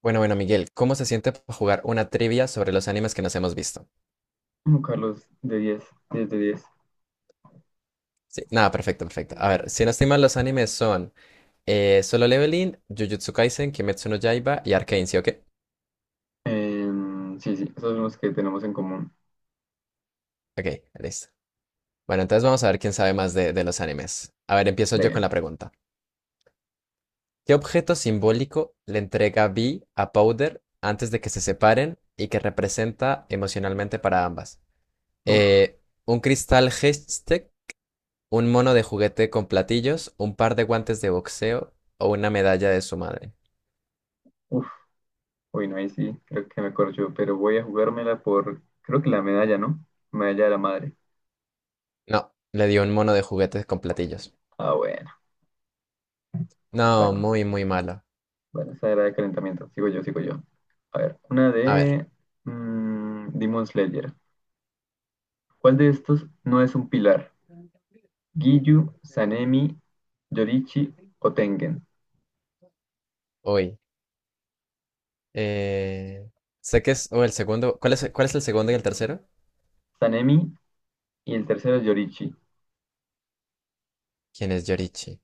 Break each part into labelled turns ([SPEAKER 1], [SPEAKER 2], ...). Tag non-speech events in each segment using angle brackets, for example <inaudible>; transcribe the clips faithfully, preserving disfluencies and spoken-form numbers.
[SPEAKER 1] Bueno, bueno, Miguel, ¿cómo se siente pa- jugar una trivia sobre los animes que nos hemos visto?
[SPEAKER 2] No, Carlos, de diez, diez de diez.
[SPEAKER 1] Sí, nada, perfecto, perfecto. A ver, si no estoy mal, los animes son eh, Solo Leveling, Jujutsu Kaisen, Kimetsu no Yaiba y Arcane, ¿sí o qué?
[SPEAKER 2] Em, sí, sí, esos son los que tenemos en común.
[SPEAKER 1] Ok, listo. Bueno, entonces vamos a ver quién sabe más de, de los animes. A ver, empiezo yo con
[SPEAKER 2] De,
[SPEAKER 1] la pregunta. ¿Qué objeto simbólico le entrega Vi a Powder antes de que se separen y que representa emocionalmente para ambas?
[SPEAKER 2] uf,
[SPEAKER 1] Eh, ¿un cristal Hextech? Un mono de juguete con platillos, un par de guantes de boxeo o una medalla de su madre.
[SPEAKER 2] uf, uy, No, ahí sí, creo que me corcho, pero voy a jugármela por, creo que la medalla, ¿no? Medalla de la madre.
[SPEAKER 1] No, le dio un mono de juguetes con platillos.
[SPEAKER 2] Ah, bueno,
[SPEAKER 1] No,
[SPEAKER 2] bueno,
[SPEAKER 1] muy, muy malo.
[SPEAKER 2] bueno, esa era de calentamiento. Sigo yo, sigo yo. A ver, una
[SPEAKER 1] A ver,
[SPEAKER 2] de mm, Demon Slayer. ¿Cuál de estos no es un pilar? Giyu, Sanemi, Yorichi o Tengen.
[SPEAKER 1] uy. eh, Sé que es. O el segundo. ¿Cuál es, cuál es el segundo y el tercero?
[SPEAKER 2] Sanemi y el tercero Yorichi.
[SPEAKER 1] ¿Quién es Yorichi?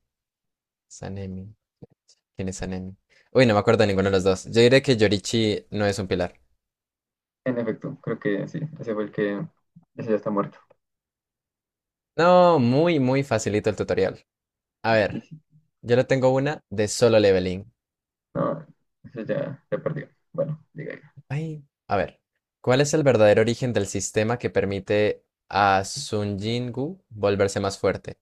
[SPEAKER 1] Sanemi. ¿Quién es Sanemi? Uy, no me acuerdo de ninguno de los dos. Yo diré que Yorichi no es un pilar.
[SPEAKER 2] En efecto, creo que sí, ese fue el que, ese ya está muerto.
[SPEAKER 1] No, muy, muy facilito el tutorial. A
[SPEAKER 2] Y
[SPEAKER 1] ver,
[SPEAKER 2] sí,
[SPEAKER 1] yo le tengo una de Solo Leveling.
[SPEAKER 2] no, ese ya, ya perdió. Bueno, diga ya.
[SPEAKER 1] Ay, a ver, ¿cuál es el verdadero origen del sistema que permite a Sun Jin-gu volverse más fuerte?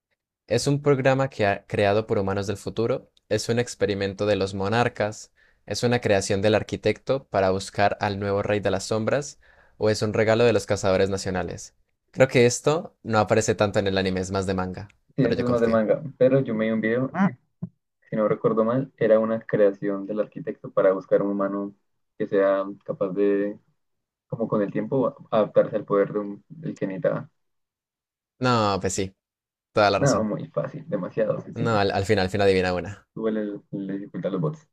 [SPEAKER 1] ¿Es un programa que ha- creado por humanos del futuro? ¿Es un experimento de los monarcas? ¿Es una creación del arquitecto para buscar al nuevo rey de las sombras? ¿O es un regalo de los cazadores nacionales? Creo que esto no aparece tanto en el anime, es más de manga,
[SPEAKER 2] Sí, ese
[SPEAKER 1] pero yo
[SPEAKER 2] es más de
[SPEAKER 1] confío.
[SPEAKER 2] manga, pero yo me vi un video, si no recuerdo mal, era una creación del arquitecto para buscar un humano que sea capaz de, como con el tiempo, adaptarse al poder de un, del que necesitaba.
[SPEAKER 1] No, pues sí, toda la
[SPEAKER 2] No,
[SPEAKER 1] razón.
[SPEAKER 2] muy fácil, demasiado
[SPEAKER 1] No,
[SPEAKER 2] sencillo.
[SPEAKER 1] al, al final, al final adivina una.
[SPEAKER 2] Igual le, le dificulta a los bots.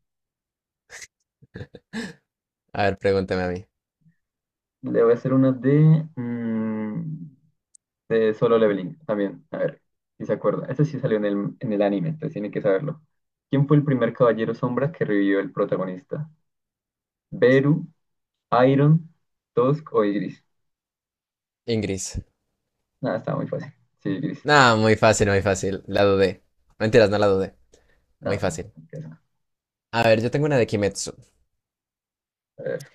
[SPEAKER 1] A ver, pregúnteme a mí.
[SPEAKER 2] Le voy a hacer una de... mm, de Solo Leveling también. A ver, si se acuerda. Este sí salió en el, en el anime, entonces tiene que saberlo. ¿Quién fue el primer caballero sombra que revivió el protagonista? ¿Beru, Iron, Tusk o Igris?
[SPEAKER 1] Ingris.
[SPEAKER 2] Nada, estaba muy fácil. Sí, Igris.
[SPEAKER 1] No, muy fácil, muy fácil. La dudé. No, mentiras, no la dudé. Muy
[SPEAKER 2] Nada,
[SPEAKER 1] fácil.
[SPEAKER 2] empieza.
[SPEAKER 1] A ver, yo tengo una de Kimetsu.
[SPEAKER 2] A ver.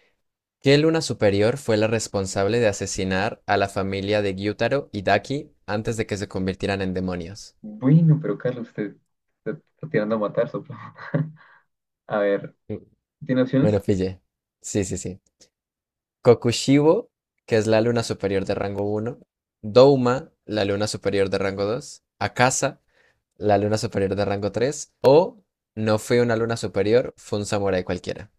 [SPEAKER 1] ¿Qué luna superior fue la responsable de asesinar a la familia de Gyutaro y Daki antes de que se convirtieran en demonios?
[SPEAKER 2] Bueno, pero Carlos, usted usted está tirando a matar, sopla. <laughs> A ver,
[SPEAKER 1] Mm,
[SPEAKER 2] ¿tiene opciones?
[SPEAKER 1] bueno, pille. Sí, sí, sí. Kokushibo, que es la luna superior de rango uno. Douma, la luna superior de rango dos. Akasa, la luna superior de rango tres. O no fue una luna superior, fue un samurái cualquiera.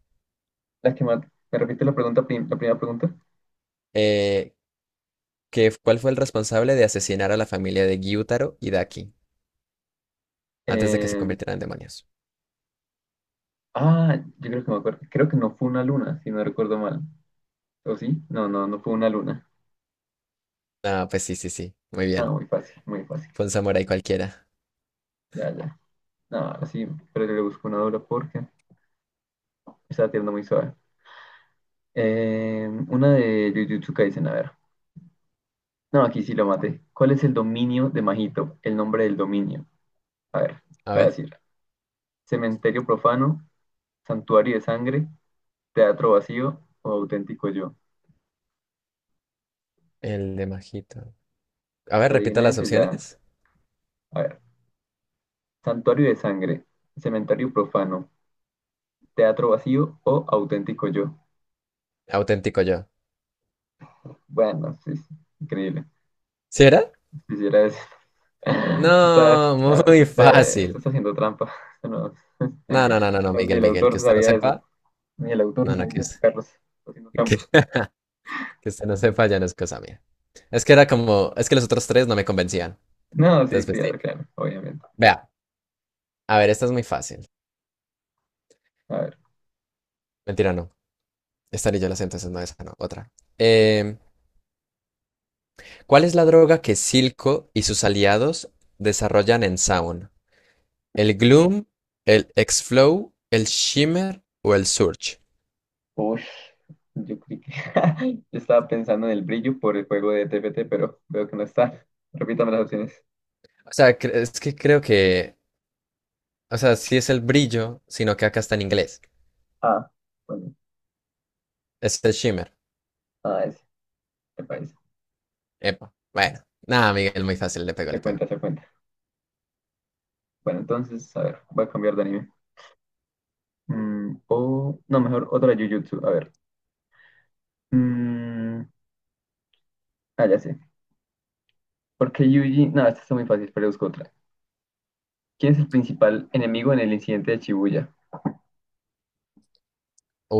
[SPEAKER 2] Las que más... ¿Me repite la pregunta, prim- la primera pregunta?
[SPEAKER 1] Eh, ¿Qué... cuál fue el responsable de asesinar a la familia de Gyutaro y Daki antes de que se
[SPEAKER 2] Eh,
[SPEAKER 1] convirtieran en demonios?
[SPEAKER 2] ah, yo creo que me acuerdo. Creo que no fue una luna, si no recuerdo mal. ¿O sí? No, no, no fue una luna.
[SPEAKER 1] Ah, pues sí, sí, sí. Muy
[SPEAKER 2] Ah,
[SPEAKER 1] bien.
[SPEAKER 2] muy fácil, muy fácil.
[SPEAKER 1] Fue un samurái cualquiera.
[SPEAKER 2] Ya, ya. No, así, pero yo le busco una dura porque está tirando muy suave. Eh, una de Jujutsu Kaisen, a ver. No, aquí sí lo maté. ¿Cuál es el dominio de Majito? El nombre del dominio. A ver,
[SPEAKER 1] A
[SPEAKER 2] la voy a
[SPEAKER 1] ver,
[SPEAKER 2] decir. Cementerio profano, santuario de sangre, teatro vacío o auténtico yo.
[SPEAKER 1] el de Majito. A ver,
[SPEAKER 2] Si
[SPEAKER 1] repita
[SPEAKER 2] Adivina
[SPEAKER 1] las
[SPEAKER 2] ese ya.
[SPEAKER 1] opciones.
[SPEAKER 2] A ver. Santuario de sangre, cementerio profano, teatro vacío o auténtico yo.
[SPEAKER 1] Auténtico yo.
[SPEAKER 2] Bueno, sí, sí, increíble.
[SPEAKER 1] ¿Sí era?
[SPEAKER 2] Quisiera decir. <laughs> Usted está,
[SPEAKER 1] No,
[SPEAKER 2] nada, usted-
[SPEAKER 1] muy
[SPEAKER 2] usted- usted
[SPEAKER 1] fácil.
[SPEAKER 2] está haciendo trampa. <laughs> Usted
[SPEAKER 1] No, no, no, no, no,
[SPEAKER 2] No, no, ni
[SPEAKER 1] Miguel,
[SPEAKER 2] el
[SPEAKER 1] Miguel,
[SPEAKER 2] autor
[SPEAKER 1] que usted no
[SPEAKER 2] sabía eso.
[SPEAKER 1] sepa.
[SPEAKER 2] Ni el autor
[SPEAKER 1] No, no, que,
[SPEAKER 2] sabía eso,
[SPEAKER 1] us-
[SPEAKER 2] Carlos. Está haciendo
[SPEAKER 1] <laughs> que,
[SPEAKER 2] trampa.
[SPEAKER 1] que usted no sepa ya no es cosa mía. Es que era como, es que los otros tres no me convencían.
[SPEAKER 2] No, sí,
[SPEAKER 1] Entonces, pues sí.
[SPEAKER 2] claro, claro, obviamente.
[SPEAKER 1] Vea, a ver, esta es muy fácil.
[SPEAKER 2] A ver.
[SPEAKER 1] Mentira, no. Esta ni yo la sé, entonces no, esa no, otra. Em, ¿cuál es la droga que Silco y sus aliados desarrollan en Sound? ¿El Gloom, el X-Flow, el Shimmer o el Surge?
[SPEAKER 2] Uy, yo creí que... <laughs> yo estaba pensando en el brillo por el juego de T P T, pero veo que no está. Repítame las opciones.
[SPEAKER 1] O sea, cre- es que creo que, o sea, sí es el brillo, sino que acá está en inglés.
[SPEAKER 2] Ah, bueno.
[SPEAKER 1] Es el Shimmer.
[SPEAKER 2] Ah, ese. Me parece.
[SPEAKER 1] Epa. Bueno, nada, Miguel, muy fácil, le pego,
[SPEAKER 2] Se
[SPEAKER 1] le pego.
[SPEAKER 2] cuenta, se cuenta. Bueno, entonces, a ver, voy a cambiar de anime. Mm, o, no, mejor otra Jujutsu. A ver. Mm, ah, ya sé. Porque Yuji, no, esta está muy fácil, pero busco otra. ¿Quién es el principal enemigo en el incidente de Shibuya?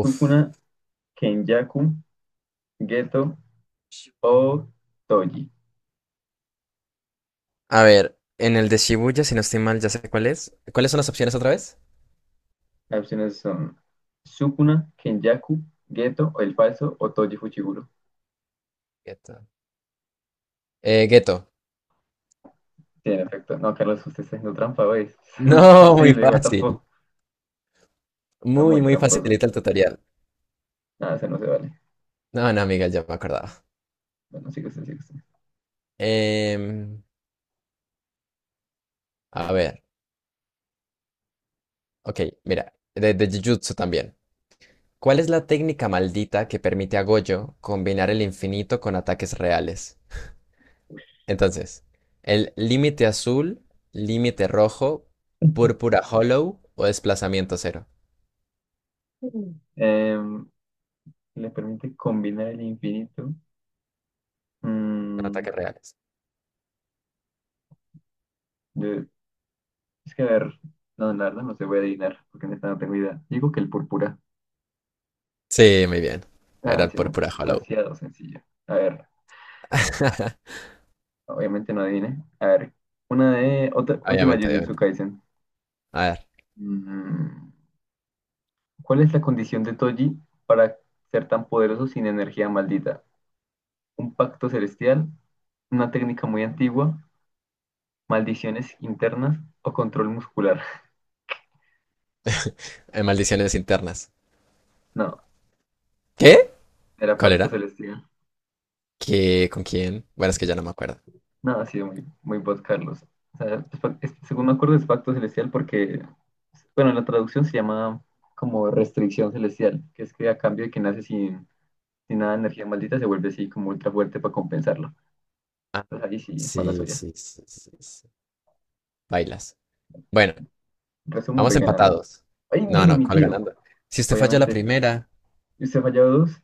[SPEAKER 2] Sukuna, Kenjaku, Geto o Toji.
[SPEAKER 1] A ver, en el de Shibuya, si no estoy mal, ya sé cuál es. ¿Cuáles son las opciones otra vez?
[SPEAKER 2] Las opciones son Sukuna, Kenjaku, Geto o el falso o Toji Fuchiguro.
[SPEAKER 1] Ghetto. Eh, Ghetto.
[SPEAKER 2] Sí, en efecto. No, Carlos, usted está haciendo trampa, ¿veis? <laughs> Eso no es
[SPEAKER 1] No, muy
[SPEAKER 2] posible, what the
[SPEAKER 1] fácil.
[SPEAKER 2] fuck. Está
[SPEAKER 1] Muy,
[SPEAKER 2] muy
[SPEAKER 1] muy
[SPEAKER 2] tramposo.
[SPEAKER 1] facilita el tutorial.
[SPEAKER 2] Nada, eso no se vale.
[SPEAKER 1] No, no, amiga, ya me acordaba.
[SPEAKER 2] Bueno, sigue usted, sigue usted.
[SPEAKER 1] Em, a ver, ok, mira, de, de Jujutsu también. ¿Cuál es la técnica maldita que permite a Gojo combinar el infinito con ataques reales? Entonces, el límite azul, límite rojo, púrpura hollow o desplazamiento cero.
[SPEAKER 2] Mm. Em, le permite combinar el infinito.
[SPEAKER 1] Con
[SPEAKER 2] Mm,
[SPEAKER 1] ataques reales.
[SPEAKER 2] de- Es que a ver, no, la verdad no se voy a adivinar, porque neta no tengo idea. Digo que el púrpura.
[SPEAKER 1] Sí, muy bien. Era
[SPEAKER 2] Ah,
[SPEAKER 1] el
[SPEAKER 2] sí, bueno,
[SPEAKER 1] púrpura hollow.
[SPEAKER 2] demasiado sencillo. A ver,
[SPEAKER 1] <laughs>
[SPEAKER 2] obviamente no adiviné. A ver, una de, otra, última
[SPEAKER 1] Obviamente,
[SPEAKER 2] Jujutsu
[SPEAKER 1] obviamente.
[SPEAKER 2] Kaisen.
[SPEAKER 1] A ver,
[SPEAKER 2] Mm, ¿cuál es la condición de Toji para ser tan poderoso sin energía maldita? ¿Un pacto celestial? ¿Una técnica muy antigua? ¿Maldiciones internas o control muscular? <laughs>
[SPEAKER 1] en maldiciones internas.
[SPEAKER 2] No,
[SPEAKER 1] ¿Qué?
[SPEAKER 2] era
[SPEAKER 1] ¿Cuál
[SPEAKER 2] pacto
[SPEAKER 1] era?
[SPEAKER 2] celestial.
[SPEAKER 1] ¿Qué? ¿Con quién? Bueno, es que ya no me acuerdo.
[SPEAKER 2] No, ha sido muy, muy vos, Carlos. O sea, es fa- es- según me acuerdo es pacto celestial porque, bueno, en la traducción se llama como restricción celestial, que es que a cambio de que nace sin, sin nada de energía maldita se vuelve así como ultra fuerte para compensarlo.
[SPEAKER 1] Ah,
[SPEAKER 2] Entonces ahí sí, mala
[SPEAKER 1] sí,
[SPEAKER 2] suya.
[SPEAKER 1] sí, sí, sí, sí. Bailas. Bueno,
[SPEAKER 2] En resumen,
[SPEAKER 1] vamos
[SPEAKER 2] voy ganando.
[SPEAKER 1] empatados.
[SPEAKER 2] ¡Ay,
[SPEAKER 1] No,
[SPEAKER 2] gana
[SPEAKER 1] no,
[SPEAKER 2] mi
[SPEAKER 1] ¿cuál
[SPEAKER 2] tío!
[SPEAKER 1] ganando? Si usted falló la
[SPEAKER 2] Obviamente.
[SPEAKER 1] primera,
[SPEAKER 2] ¿Y usted ha fallado dos?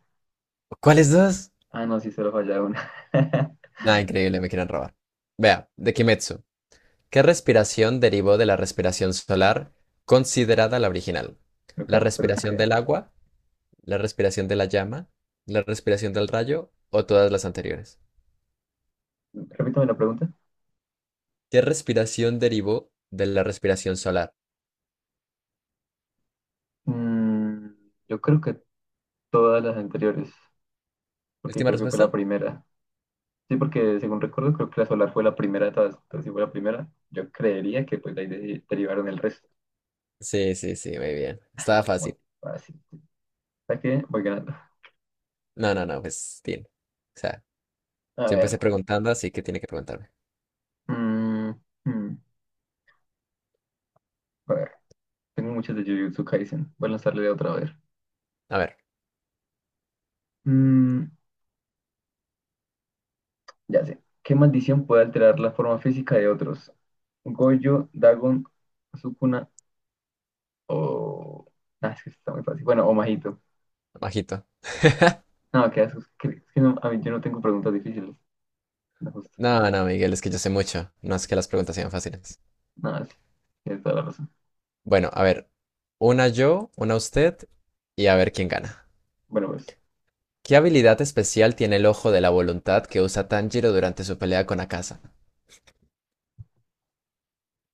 [SPEAKER 1] ¿cuáles dos?
[SPEAKER 2] Ah, no, sí, solo ha fallado una. <laughs>
[SPEAKER 1] Nada, increíble, me quieren robar. Vea, de Kimetsu. ¿Qué respiración derivó de la respiración solar considerada la original?
[SPEAKER 2] No,
[SPEAKER 1] ¿La
[SPEAKER 2] Carlos, pero
[SPEAKER 1] respiración
[SPEAKER 2] usted,
[SPEAKER 1] del agua? ¿La respiración de la llama? ¿La respiración del rayo? ¿O todas las anteriores?
[SPEAKER 2] repítame la pregunta.
[SPEAKER 1] ¿Qué respiración derivó de la respiración solar?
[SPEAKER 2] Mm, yo creo que todas las anteriores, porque
[SPEAKER 1] Última
[SPEAKER 2] creo que fue la
[SPEAKER 1] respuesta.
[SPEAKER 2] primera. Sí, porque según recuerdo, creo que la solar fue la primera de todas. Entonces, si fue la primera, yo creería que pues de ahí de- derivaron el resto.
[SPEAKER 1] Sí, sí, sí, muy bien. Estaba
[SPEAKER 2] Muy
[SPEAKER 1] fácil.
[SPEAKER 2] fácil. ¿Sabes qué? Voy ganando.
[SPEAKER 1] No, no, no, pues bien. O sea,
[SPEAKER 2] A
[SPEAKER 1] ya empecé
[SPEAKER 2] ver.
[SPEAKER 1] preguntando, así que tiene que preguntarme.
[SPEAKER 2] Mm, mm, a ver. Tengo muchas de Jujutsu Kaisen. Voy a lanzarle de otra vez.
[SPEAKER 1] A ver,
[SPEAKER 2] Mm, ya sé. ¿Qué maldición puede alterar la forma física de otros? Gojo, Dagon, Sukuna o... Ah, es que está muy fácil. Bueno, o Majito.
[SPEAKER 1] bajito.
[SPEAKER 2] No, qué asco. Es que, es que no- a mí yo no tengo preguntas difíciles. No, justo.
[SPEAKER 1] No, no, Miguel, es que yo sé mucho. No es que las preguntas sean fáciles.
[SPEAKER 2] No, sí. Tienes toda la razón.
[SPEAKER 1] Bueno, a ver. Una yo, una usted y a ver quién gana.
[SPEAKER 2] Bueno, pues.
[SPEAKER 1] ¿Qué habilidad especial tiene el ojo de la voluntad que usa Tanjiro durante su pelea con Akaza?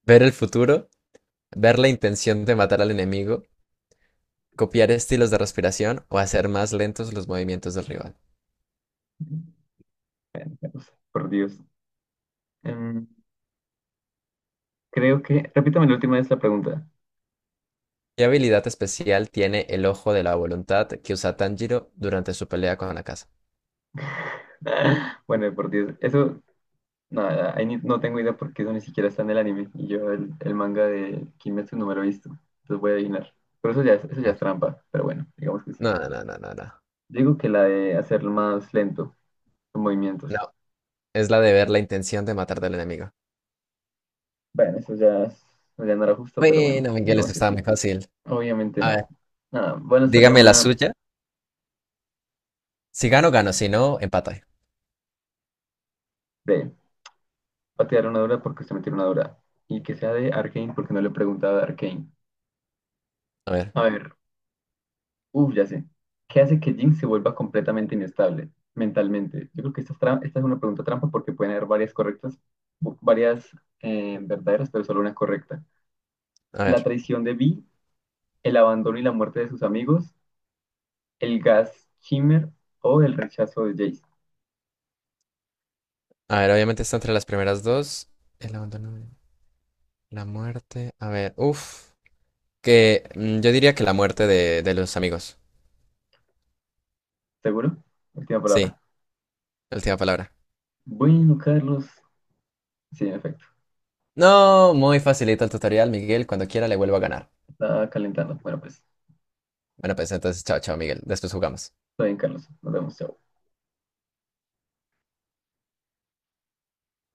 [SPEAKER 1] ¿Ver el futuro? ¿Ver la intención de matar al enemigo? ¿Copiar estilos de respiración o hacer más lentos los movimientos del rival?
[SPEAKER 2] Por Dios. Em, creo que. Repítame la última vez la pregunta.
[SPEAKER 1] ¿Qué habilidad especial tiene el ojo de la voluntad que usa Tanjiro durante su pelea con Akaza?
[SPEAKER 2] <laughs> Bueno, por Dios. Eso. Nada, ahí ni- no tengo idea porque eso ni siquiera está en el anime. Y yo el, el manga de Kimetsu no me lo he visto. Entonces voy a adivinar. Pero eso ya es, eso
[SPEAKER 1] A
[SPEAKER 2] ya es
[SPEAKER 1] ver.
[SPEAKER 2] trampa. Pero bueno, digamos que sí.
[SPEAKER 1] No, no, no, no, no. No,
[SPEAKER 2] Digo que la de hacerlo más lento, los movimientos.
[SPEAKER 1] no, es la de ver la intención de matar del enemigo.
[SPEAKER 2] Bueno, eso ya, es- eso ya no era justo, pero bueno,
[SPEAKER 1] Bueno, Miguel,
[SPEAKER 2] digamos
[SPEAKER 1] eso
[SPEAKER 2] que
[SPEAKER 1] estaba muy
[SPEAKER 2] sí.
[SPEAKER 1] fácil.
[SPEAKER 2] Obviamente
[SPEAKER 1] A
[SPEAKER 2] no.
[SPEAKER 1] ver,
[SPEAKER 2] Nada, voy a hacerle
[SPEAKER 1] dígame la
[SPEAKER 2] una
[SPEAKER 1] suya. Si gano, gano. Si no, empate.
[SPEAKER 2] B. Va a tirar una dura porque se metió una dura. Y que sea de Arcane porque no le he preguntado de Arcane.
[SPEAKER 1] A ver,
[SPEAKER 2] A ver, uff, ya sé. ¿Qué hace que Jinx se vuelva completamente inestable mentalmente? Yo creo que esta es, tra- esta es una pregunta trampa porque pueden haber varias correctas, bu- varias eh, verdaderas, pero solo una correcta.
[SPEAKER 1] a
[SPEAKER 2] La
[SPEAKER 1] ver.
[SPEAKER 2] traición de Vi, el abandono y la muerte de sus amigos, el gas Shimmer o el rechazo de Jace.
[SPEAKER 1] A ver, obviamente está entre las primeras dos. El abandono, la muerte. A ver, uff. Que mm, yo diría que la muerte de, de los amigos.
[SPEAKER 2] ¿Seguro? Última
[SPEAKER 1] Sí,
[SPEAKER 2] palabra.
[SPEAKER 1] última palabra.
[SPEAKER 2] Bueno, Carlos. Sí, en efecto.
[SPEAKER 1] No, muy facilita el tutorial, Miguel. Cuando quiera le vuelvo a ganar.
[SPEAKER 2] Está calentando. Bueno, pues,
[SPEAKER 1] Bueno, pues entonces, chao, chao, Miguel. Después jugamos.
[SPEAKER 2] está bien, Carlos. Nos vemos. Chao.